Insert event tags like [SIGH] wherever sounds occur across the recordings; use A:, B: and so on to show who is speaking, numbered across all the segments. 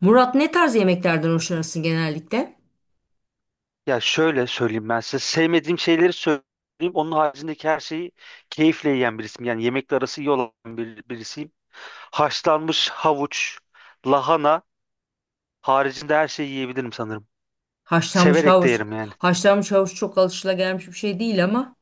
A: Murat ne tarz yemeklerden hoşlanırsın genellikle?
B: Ya şöyle söyleyeyim ben size. Sevmediğim şeyleri söyleyeyim. Onun haricindeki her şeyi keyifle yiyen birisiyim. Yani yemekle arası iyi olan birisiyim. Haşlanmış havuç, lahana haricinde her şeyi yiyebilirim sanırım.
A: Haşlanmış
B: Severek de
A: havuç.
B: yerim yani.
A: Haşlanmış havuç çok alışılagelmiş bir şey değil ama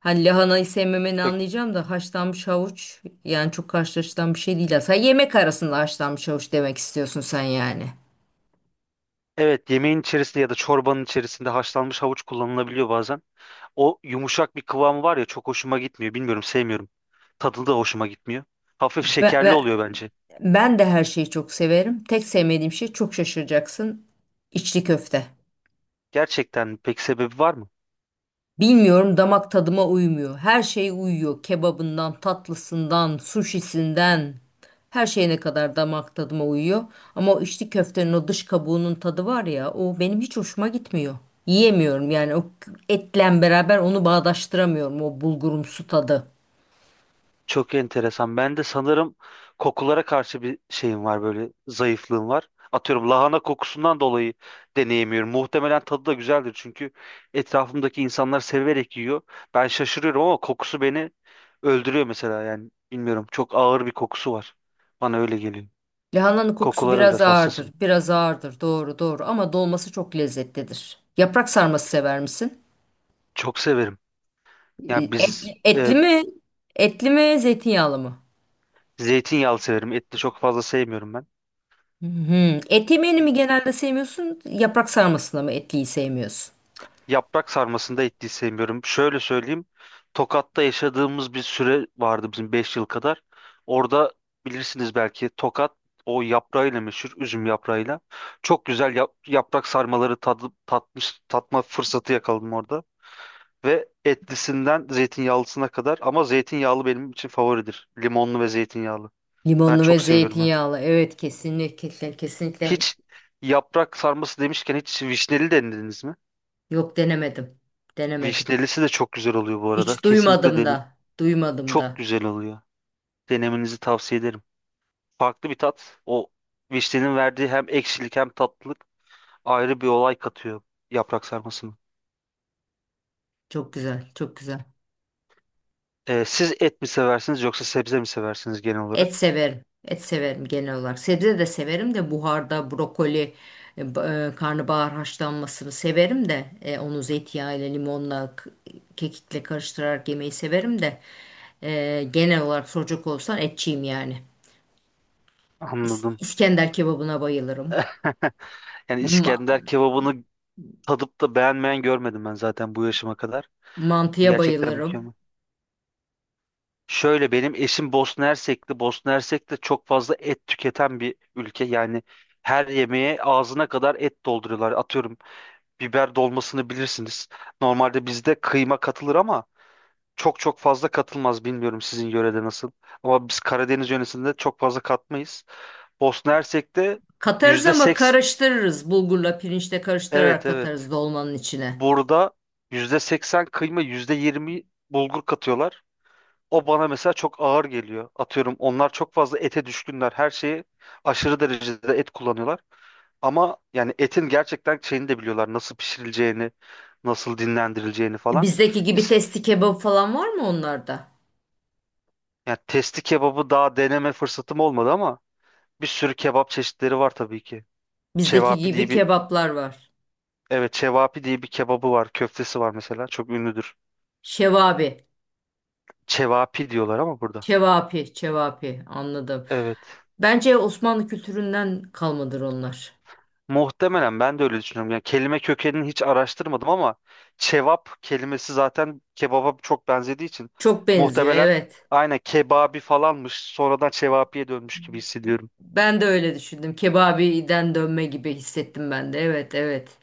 A: hani lahanayı sevmemeni
B: Yok.
A: anlayacağım da haşlanmış havuç yani çok karşılaşılan bir şey değil. Sen yemek arasında haşlanmış havuç demek istiyorsun sen yani.
B: Evet, yemeğin içerisinde ya da çorbanın içerisinde haşlanmış havuç kullanılabiliyor bazen. O yumuşak bir kıvamı var ya, çok hoşuma gitmiyor. Bilmiyorum, sevmiyorum. Tadı da hoşuma gitmiyor. Hafif
A: Ben,
B: şekerli
A: ben,
B: oluyor bence.
A: Ben de her şeyi çok severim. Tek sevmediğim şey çok şaşıracaksın. İçli köfte.
B: Gerçekten pek sebebi var mı?
A: Bilmiyorum damak tadıma uymuyor. Her şey uyuyor. Kebabından, tatlısından, suşisinden, her şeyine kadar damak tadıma uyuyor. Ama o içli köftenin o dış kabuğunun tadı var ya, o benim hiç hoşuma gitmiyor. Yiyemiyorum yani o etle beraber onu bağdaştıramıyorum o bulgurumsu tadı.
B: Çok enteresan. Ben de sanırım kokulara karşı bir şeyim var, böyle zayıflığım var. Atıyorum lahana kokusundan dolayı deneyemiyorum. Muhtemelen tadı da güzeldir, çünkü etrafımdaki insanlar severek yiyor. Ben şaşırıyorum ama kokusu beni öldürüyor mesela, yani bilmiyorum. Çok ağır bir kokusu var. Bana öyle geliyor.
A: Lahananın kokusu
B: Kokulara
A: biraz
B: biraz
A: ağırdır,
B: hassasım.
A: biraz ağırdır. Doğru, doğru ama dolması çok lezzetlidir. Yaprak sarması sever misin?
B: Çok severim. Yani
A: Etli,
B: biz
A: etli mi? Etli mi, zeytinyağlı mı?
B: zeytinyağlı severim. Etli çok fazla sevmiyorum ben.
A: Hı hı. Et yemeğini mi genelde sevmiyorsun? Yaprak sarmasını mı etliyi sevmiyorsun?
B: Yaprak sarmasında ettiği sevmiyorum. Şöyle söyleyeyim. Tokat'ta yaşadığımız bir süre vardı bizim, 5 yıl kadar. Orada, bilirsiniz belki, Tokat o yaprağıyla meşhur, üzüm yaprağıyla. Çok güzel yaprak sarmaları tatma fırsatı yakaladım orada. Ve etlisinden zeytinyağlısına kadar, ama zeytinyağlı benim için favoridir. Limonlu ve zeytinyağlı. Ben
A: Limonlu ve
B: çok seviyorum onu.
A: zeytinyağlı. Evet, kesinlikle kesinlikle.
B: Hiç, yaprak sarması demişken, hiç vişneli denediniz mi?
A: Yok, denemedim. Denemedim.
B: Vişnelisi de çok güzel oluyor bu arada.
A: Hiç
B: Kesinlikle
A: duymadım
B: denin.
A: da. Duymadım
B: Çok
A: da.
B: güzel oluyor. Denemenizi tavsiye ederim. Farklı bir tat. O vişnenin verdiği hem ekşilik hem tatlılık ayrı bir olay katıyor yaprak sarmasına.
A: Çok güzel. Çok güzel.
B: Siz et mi seversiniz yoksa sebze mi seversiniz genel olarak?
A: Et severim. Et severim genel olarak. Sebze de severim de buharda brokoli, karnabahar haşlanmasını severim de onu zeytinyağıyla, limonla, kekikle karıştırarak yemeyi severim de genel olarak soracak olsan etçiyim yani.
B: Anladım.
A: İskender kebabına bayılırım.
B: [LAUGHS] Yani
A: Ma-
B: İskender kebabını tadıp da beğenmeyen görmedim ben zaten bu yaşıma kadar.
A: Mantıya
B: Gerçekten
A: bayılırım.
B: mükemmel. Şöyle, benim eşim Bosna Hersekli. Bosna Hersek de çok fazla et tüketen bir ülke. Yani her yemeğe ağzına kadar et dolduruyorlar. Atıyorum biber dolmasını bilirsiniz. Normalde bizde kıyma katılır ama çok çok fazla katılmaz. Bilmiyorum sizin yörede nasıl. Ama biz Karadeniz yöresinde çok fazla katmayız. Bosna Hersek'te
A: Katarız
B: yüzde
A: ama
B: seks...
A: karıştırırız. Bulgurla pirinçle karıştırarak
B: Evet,
A: katarız
B: evet.
A: dolmanın içine.
B: Burada %80 kıyma, %20 bulgur katıyorlar. O bana mesela çok ağır geliyor. Atıyorum, onlar çok fazla ete düşkünler. Her şeyi aşırı derecede et kullanıyorlar. Ama yani etin gerçekten şeyini de biliyorlar. Nasıl pişirileceğini, nasıl dinlendirileceğini falan.
A: Bizdeki gibi
B: İs-
A: testi kebabı falan var mı onlarda?
B: Yani testi kebabı daha deneme fırsatım olmadı ama bir sürü kebap çeşitleri var tabii ki.
A: Bizdeki
B: Çevapi
A: gibi
B: diye bir
A: kebaplar var.
B: evet Çevapi diye bir kebabı var. Köftesi var mesela. Çok ünlüdür.
A: Şevabi,
B: Çevapi diyorlar ama burada.
A: şevapi, şevapi, anladım.
B: Evet.
A: Bence Osmanlı kültüründen kalmadır onlar.
B: Muhtemelen, ben de öyle düşünüyorum. Yani kelime kökenini hiç araştırmadım ama cevap kelimesi zaten kebaba çok benzediği için
A: Çok benziyor,
B: muhtemelen
A: evet.
B: aynen kebabi falanmış, sonradan çevapiye dönmüş gibi hissediyorum.
A: Ben de öyle düşündüm. Kebabiden dönme gibi hissettim ben de. Evet, evet.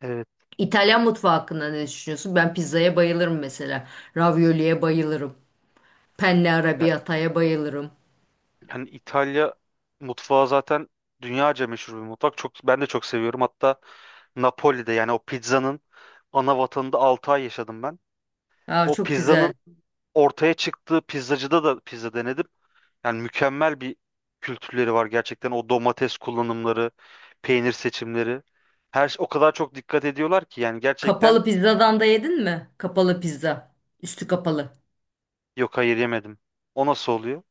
B: Evet.
A: İtalyan mutfağı hakkında ne düşünüyorsun? Ben pizzaya bayılırım mesela. Ravioli'ye bayılırım. Penne
B: Ya-
A: arrabbiata'ya bayılırım.
B: Yani İtalya mutfağı zaten dünyaca meşhur bir mutfak. Çok, ben de çok seviyorum. Hatta Napoli'de, yani o pizzanın ana vatanında, 6 ay yaşadım ben.
A: Aa,
B: O
A: çok güzel.
B: pizzanın ortaya çıktığı pizzacıda da pizza denedim. Yani mükemmel bir kültürleri var gerçekten. O domates kullanımları, peynir seçimleri. O kadar çok dikkat ediyorlar ki, yani gerçekten.
A: Kapalı pizzadan da yedin mi? Kapalı pizza. Üstü kapalı.
B: Yok, hayır, yemedim. O nasıl oluyor?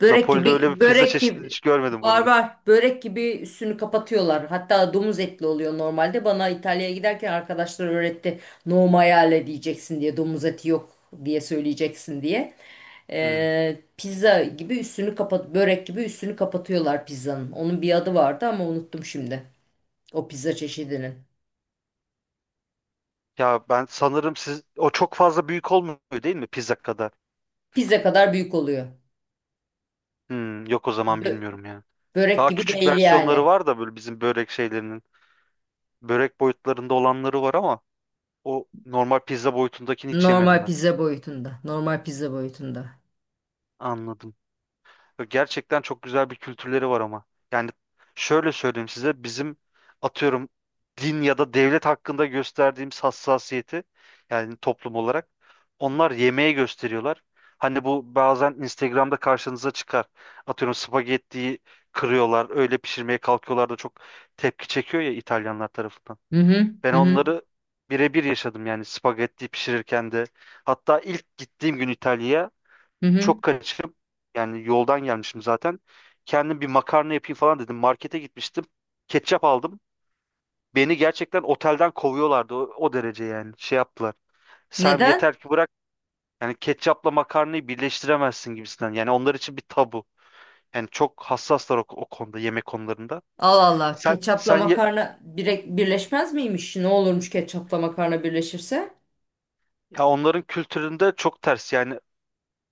A: Börek
B: Napoli'de
A: gibi
B: öyle bir pizza
A: börek
B: çeşidi
A: gibi
B: hiç görmedim bu
A: var
B: arada.
A: var börek gibi üstünü kapatıyorlar. Hatta domuz etli oluyor normalde. Bana İtalya'ya giderken arkadaşlar öğretti. No maiale diyeceksin diye, domuz eti yok diye söyleyeceksin diye.
B: Hmm.
A: Pizza gibi üstünü kapat, börek gibi üstünü kapatıyorlar pizzanın. Onun bir adı vardı ama unuttum şimdi. O pizza çeşidinin.
B: Ya ben sanırım siz, o çok fazla büyük olmuyor değil mi, pizza kadar?
A: Pizza kadar büyük oluyor.
B: Hmm, yok o zaman,
A: Bö-
B: bilmiyorum ya.
A: Börek
B: Daha
A: gibi
B: küçük
A: değil
B: versiyonları
A: yani.
B: var da, böyle bizim börek şeylerinin. Börek boyutlarında olanları var ama o normal pizza boyutundakini hiç yemedim
A: Normal
B: ben.
A: pizza boyutunda. Normal pizza boyutunda.
B: Anladım. Gerçekten çok güzel bir kültürleri var ama. Yani şöyle söyleyeyim size, bizim atıyorum din ya da devlet hakkında gösterdiğimiz hassasiyeti, yani toplum olarak, onlar yemeğe gösteriyorlar. Hani bu bazen Instagram'da karşınıza çıkar. Atıyorum spagettiyi kırıyorlar, öyle pişirmeye kalkıyorlar da çok tepki çekiyor ya İtalyanlar tarafından.
A: Hı hı,
B: Ben
A: hı hı.
B: onları birebir yaşadım, yani spagetti pişirirken de. Hatta ilk gittiğim gün İtalya'ya
A: Hı hı.
B: çok kaçıp, yani yoldan gelmişim zaten. Kendim bir makarna yapayım falan dedim. Markete gitmiştim. Ketçap aldım. Beni gerçekten otelden kovuyorlardı, o derece yani. Şey yaptılar. Sen
A: Neden?
B: yeter ki bırak, yani ketçapla makarnayı birleştiremezsin gibisinden. Yani onlar için bir tabu. Yani çok hassaslar o konuda, yemek konularında.
A: Allah Allah.
B: Sen
A: Ketçapla
B: sen ye-
A: makarna birleşmez miymiş? Ne olurmuş ketçapla makarna birleşirse?
B: ya onların kültüründe çok ters, yani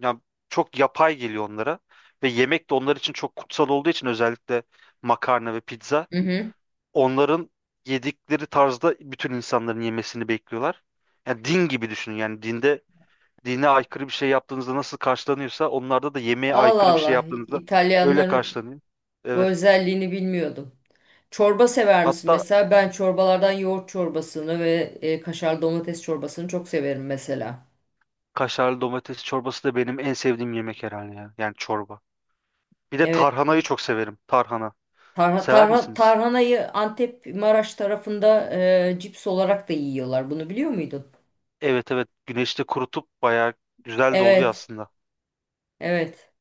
B: ya çok yapay geliyor onlara ve yemek de onlar için çok kutsal olduğu için, özellikle makarna ve pizza.
A: Hı hı.
B: Onların yedikleri tarzda bütün insanların yemesini bekliyorlar. Yani din gibi düşünün. Yani dinde, dine aykırı bir şey yaptığınızda nasıl karşılanıyorsa, onlarda da yemeğe
A: Allah
B: aykırı bir şey
A: Allah.
B: yaptığınızda öyle
A: İtalyanların
B: karşılanıyor.
A: bu
B: Evet.
A: özelliğini bilmiyordum. Çorba sever misin?
B: Hatta
A: Mesela ben çorbalardan yoğurt çorbasını ve kaşar domates çorbasını çok severim mesela.
B: kaşarlı domates çorbası da benim en sevdiğim yemek herhalde ya. Yani çorba. Bir de
A: Evet.
B: tarhanayı çok severim. Tarhana. Sever misiniz?
A: Tarhanayı Antep Maraş tarafında cips olarak da yiyorlar. Bunu biliyor muydun?
B: Evet, evet. Güneşte kurutup bayağı güzel de oluyor
A: Evet.
B: aslında.
A: Evet.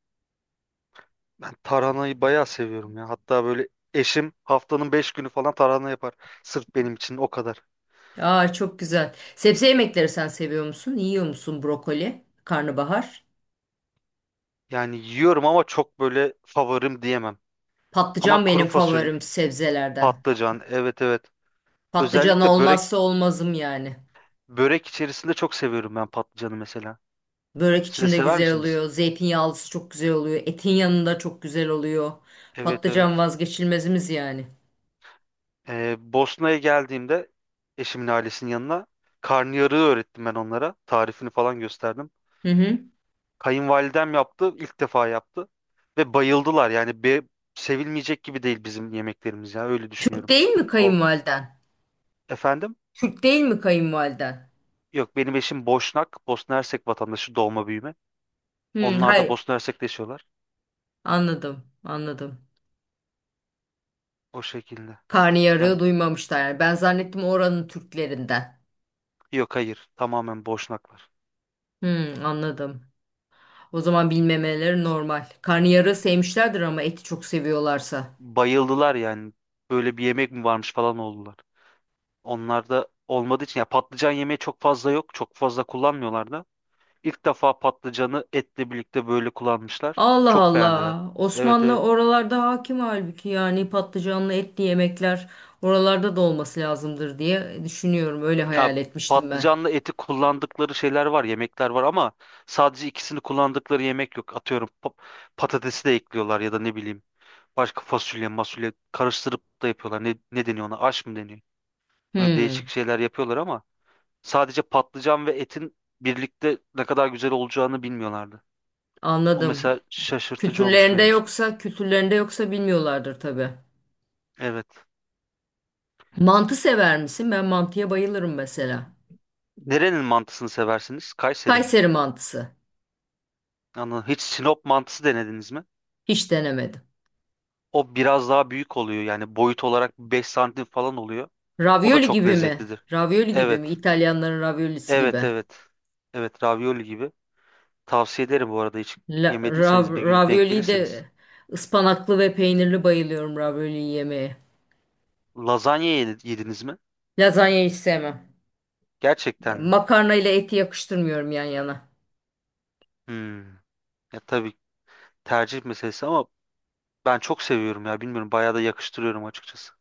B: Ben tarhanayı bayağı seviyorum ya. Hatta böyle, eşim haftanın 5 günü falan tarhana yapar. Sırf benim için o kadar.
A: Aa, çok güzel. Sebze yemekleri sen seviyor musun? Yiyor musun brokoli, karnabahar?
B: Yani yiyorum ama çok böyle favorim diyemem. Ama
A: Patlıcan
B: kuru
A: benim
B: fasulye,
A: favorim sebzelerden.
B: patlıcan, evet, evet.
A: Patlıcan
B: Özellikle börek,
A: olmazsa olmazım yani.
B: börek içerisinde çok seviyorum ben patlıcanı mesela.
A: Börek
B: Siz de
A: içinde
B: sever
A: güzel
B: misiniz?
A: oluyor. Zeytinyağlısı çok güzel oluyor. Etin yanında çok güzel oluyor.
B: Evet,
A: Patlıcan
B: evet.
A: vazgeçilmezimiz yani.
B: Bosna'ya geldiğimde eşimin ailesinin yanına, karnıyarığı öğrettim ben onlara. Tarifini falan gösterdim.
A: Hı hı.
B: Kayınvalidem yaptı, ilk defa yaptı ve bayıldılar. Yani sevilmeyecek gibi değil bizim yemeklerimiz ya, öyle
A: Türk
B: düşünüyorum.
A: değil mi
B: O
A: kayınvaliden?
B: efendim,
A: Türk değil mi kayınvaliden?
B: yok, benim eşim Boşnak, Bosna Hersek vatandaşı, doğma büyüme.
A: Hı,
B: Onlar da
A: hayır.
B: Bosna Hersek'te yaşıyorlar
A: Anladım, anladım.
B: o şekilde.
A: Karnıyarığı
B: Yani
A: duymamışlar yani. Ben zannettim oranın Türklerinden.
B: yok, hayır, tamamen Boşnaklar.
A: Hı, anladım. O zaman bilmemeleri normal. Karnıyarığı sevmişlerdir ama eti çok seviyorlarsa.
B: Bayıldılar yani, böyle bir yemek mi varmış falan oldular. Onlar da, olmadığı için ya, patlıcan yemeği çok fazla yok, çok fazla kullanmıyorlar da. İlk defa patlıcanı etle birlikte böyle kullanmışlar.
A: Allah
B: Çok beğendiler.
A: Allah.
B: Evet,
A: Osmanlı
B: evet.
A: oralarda hakim halbuki, yani patlıcanlı etli yemekler oralarda da olması lazımdır diye düşünüyorum. Öyle
B: Ya,
A: hayal etmiştim ben.
B: patlıcanlı eti kullandıkları şeyler var, yemekler var ama sadece ikisini kullandıkları yemek yok. Atıyorum, patatesi de ekliyorlar ya da ne bileyim, başka fasulye, masulye karıştırıp da yapıyorlar. Ne deniyor ona? Aş mı deniyor? Böyle
A: Hmm,
B: değişik şeyler yapıyorlar ama sadece patlıcan ve etin birlikte ne kadar güzel olacağını bilmiyorlardı. O
A: anladım.
B: mesela şaşırtıcı olmuştu
A: Kültürlerinde
B: benim için.
A: yoksa, kültürlerinde yoksa bilmiyorlardır tabii.
B: Evet.
A: Mantı sever misin? Ben mantıya bayılırım mesela.
B: Nerenin mantısını seversiniz? Kayseri mi?
A: Kayseri mantısı.
B: Anladım. Hiç Sinop mantısı denediniz mi?
A: Hiç denemedim.
B: O biraz daha büyük oluyor, yani boyut olarak 5 santim falan oluyor. O da
A: Ravioli
B: çok
A: gibi mi?
B: lezzetlidir.
A: Ravioli gibi mi?
B: Evet.
A: İtalyanların raviolisi
B: Evet,
A: gibi.
B: evet. Evet, ravioli gibi. Tavsiye ederim bu arada, hiç yemediyseniz bir gün denk
A: Ravioli
B: gelirseniz.
A: de ıspanaklı ve peynirli bayılıyorum ravioli yemeye.
B: Yediniz mi?
A: Lazanya hiç sevmem. Ya,
B: Gerçekten mi?
A: makarna ile eti yakıştırmıyorum yan yana.
B: Hmm. Ya tabii, tercih meselesi ama ben çok seviyorum ya, bilmiyorum, bayağı da yakıştırıyorum açıkçası.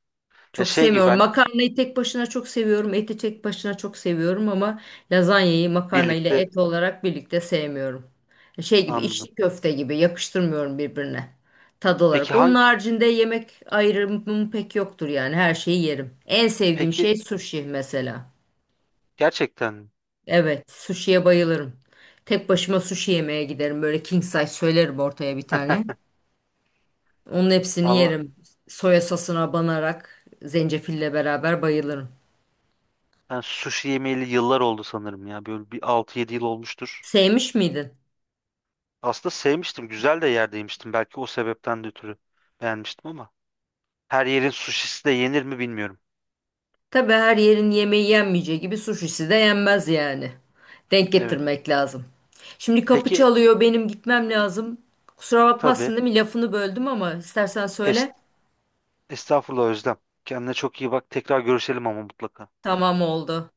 B: Ya
A: Çok
B: şey gibi
A: sevmiyorum.
B: ben
A: Makarnayı tek başına çok seviyorum. Eti tek başına çok seviyorum ama lazanyayı makarna ile
B: birlikte
A: et olarak birlikte sevmiyorum. Şey gibi,
B: anladım.
A: içli köfte gibi yakıştırmıyorum birbirine. Tad olarak.
B: Peki
A: Onun
B: hangi
A: haricinde yemek ayrımım pek yoktur yani. Her şeyi yerim. En sevdiğim
B: peki,
A: şey sushi mesela.
B: gerçekten mi?
A: Evet, sushi'ye bayılırım. Tek başıma sushi yemeye giderim. Böyle king size söylerim ortaya bir tane. Onun hepsini
B: Allah,
A: yerim. Soya sosuna banarak zencefille beraber bayılırım.
B: ben sushi yemeyeli yıllar oldu sanırım ya, böyle bir 6-7 yıl olmuştur.
A: Sevmiş miydin?
B: Aslında sevmiştim. Güzel de yerde yemiştim. Belki o sebepten de ötürü beğenmiştim ama. Her yerin suşisi de yenir mi bilmiyorum.
A: Tabii her yerin yemeği yenmeyeceği gibi sushisi de yenmez yani. Denk
B: Evet.
A: getirmek lazım. Şimdi kapı
B: Peki,
A: çalıyor, benim gitmem lazım. Kusura bakmazsın
B: tabii.
A: değil mi? Lafını böldüm ama istersen
B: Es
A: söyle.
B: Estağfurullah Özlem. Kendine çok iyi bak. Tekrar görüşelim ama mutlaka.
A: Tamam, oldu.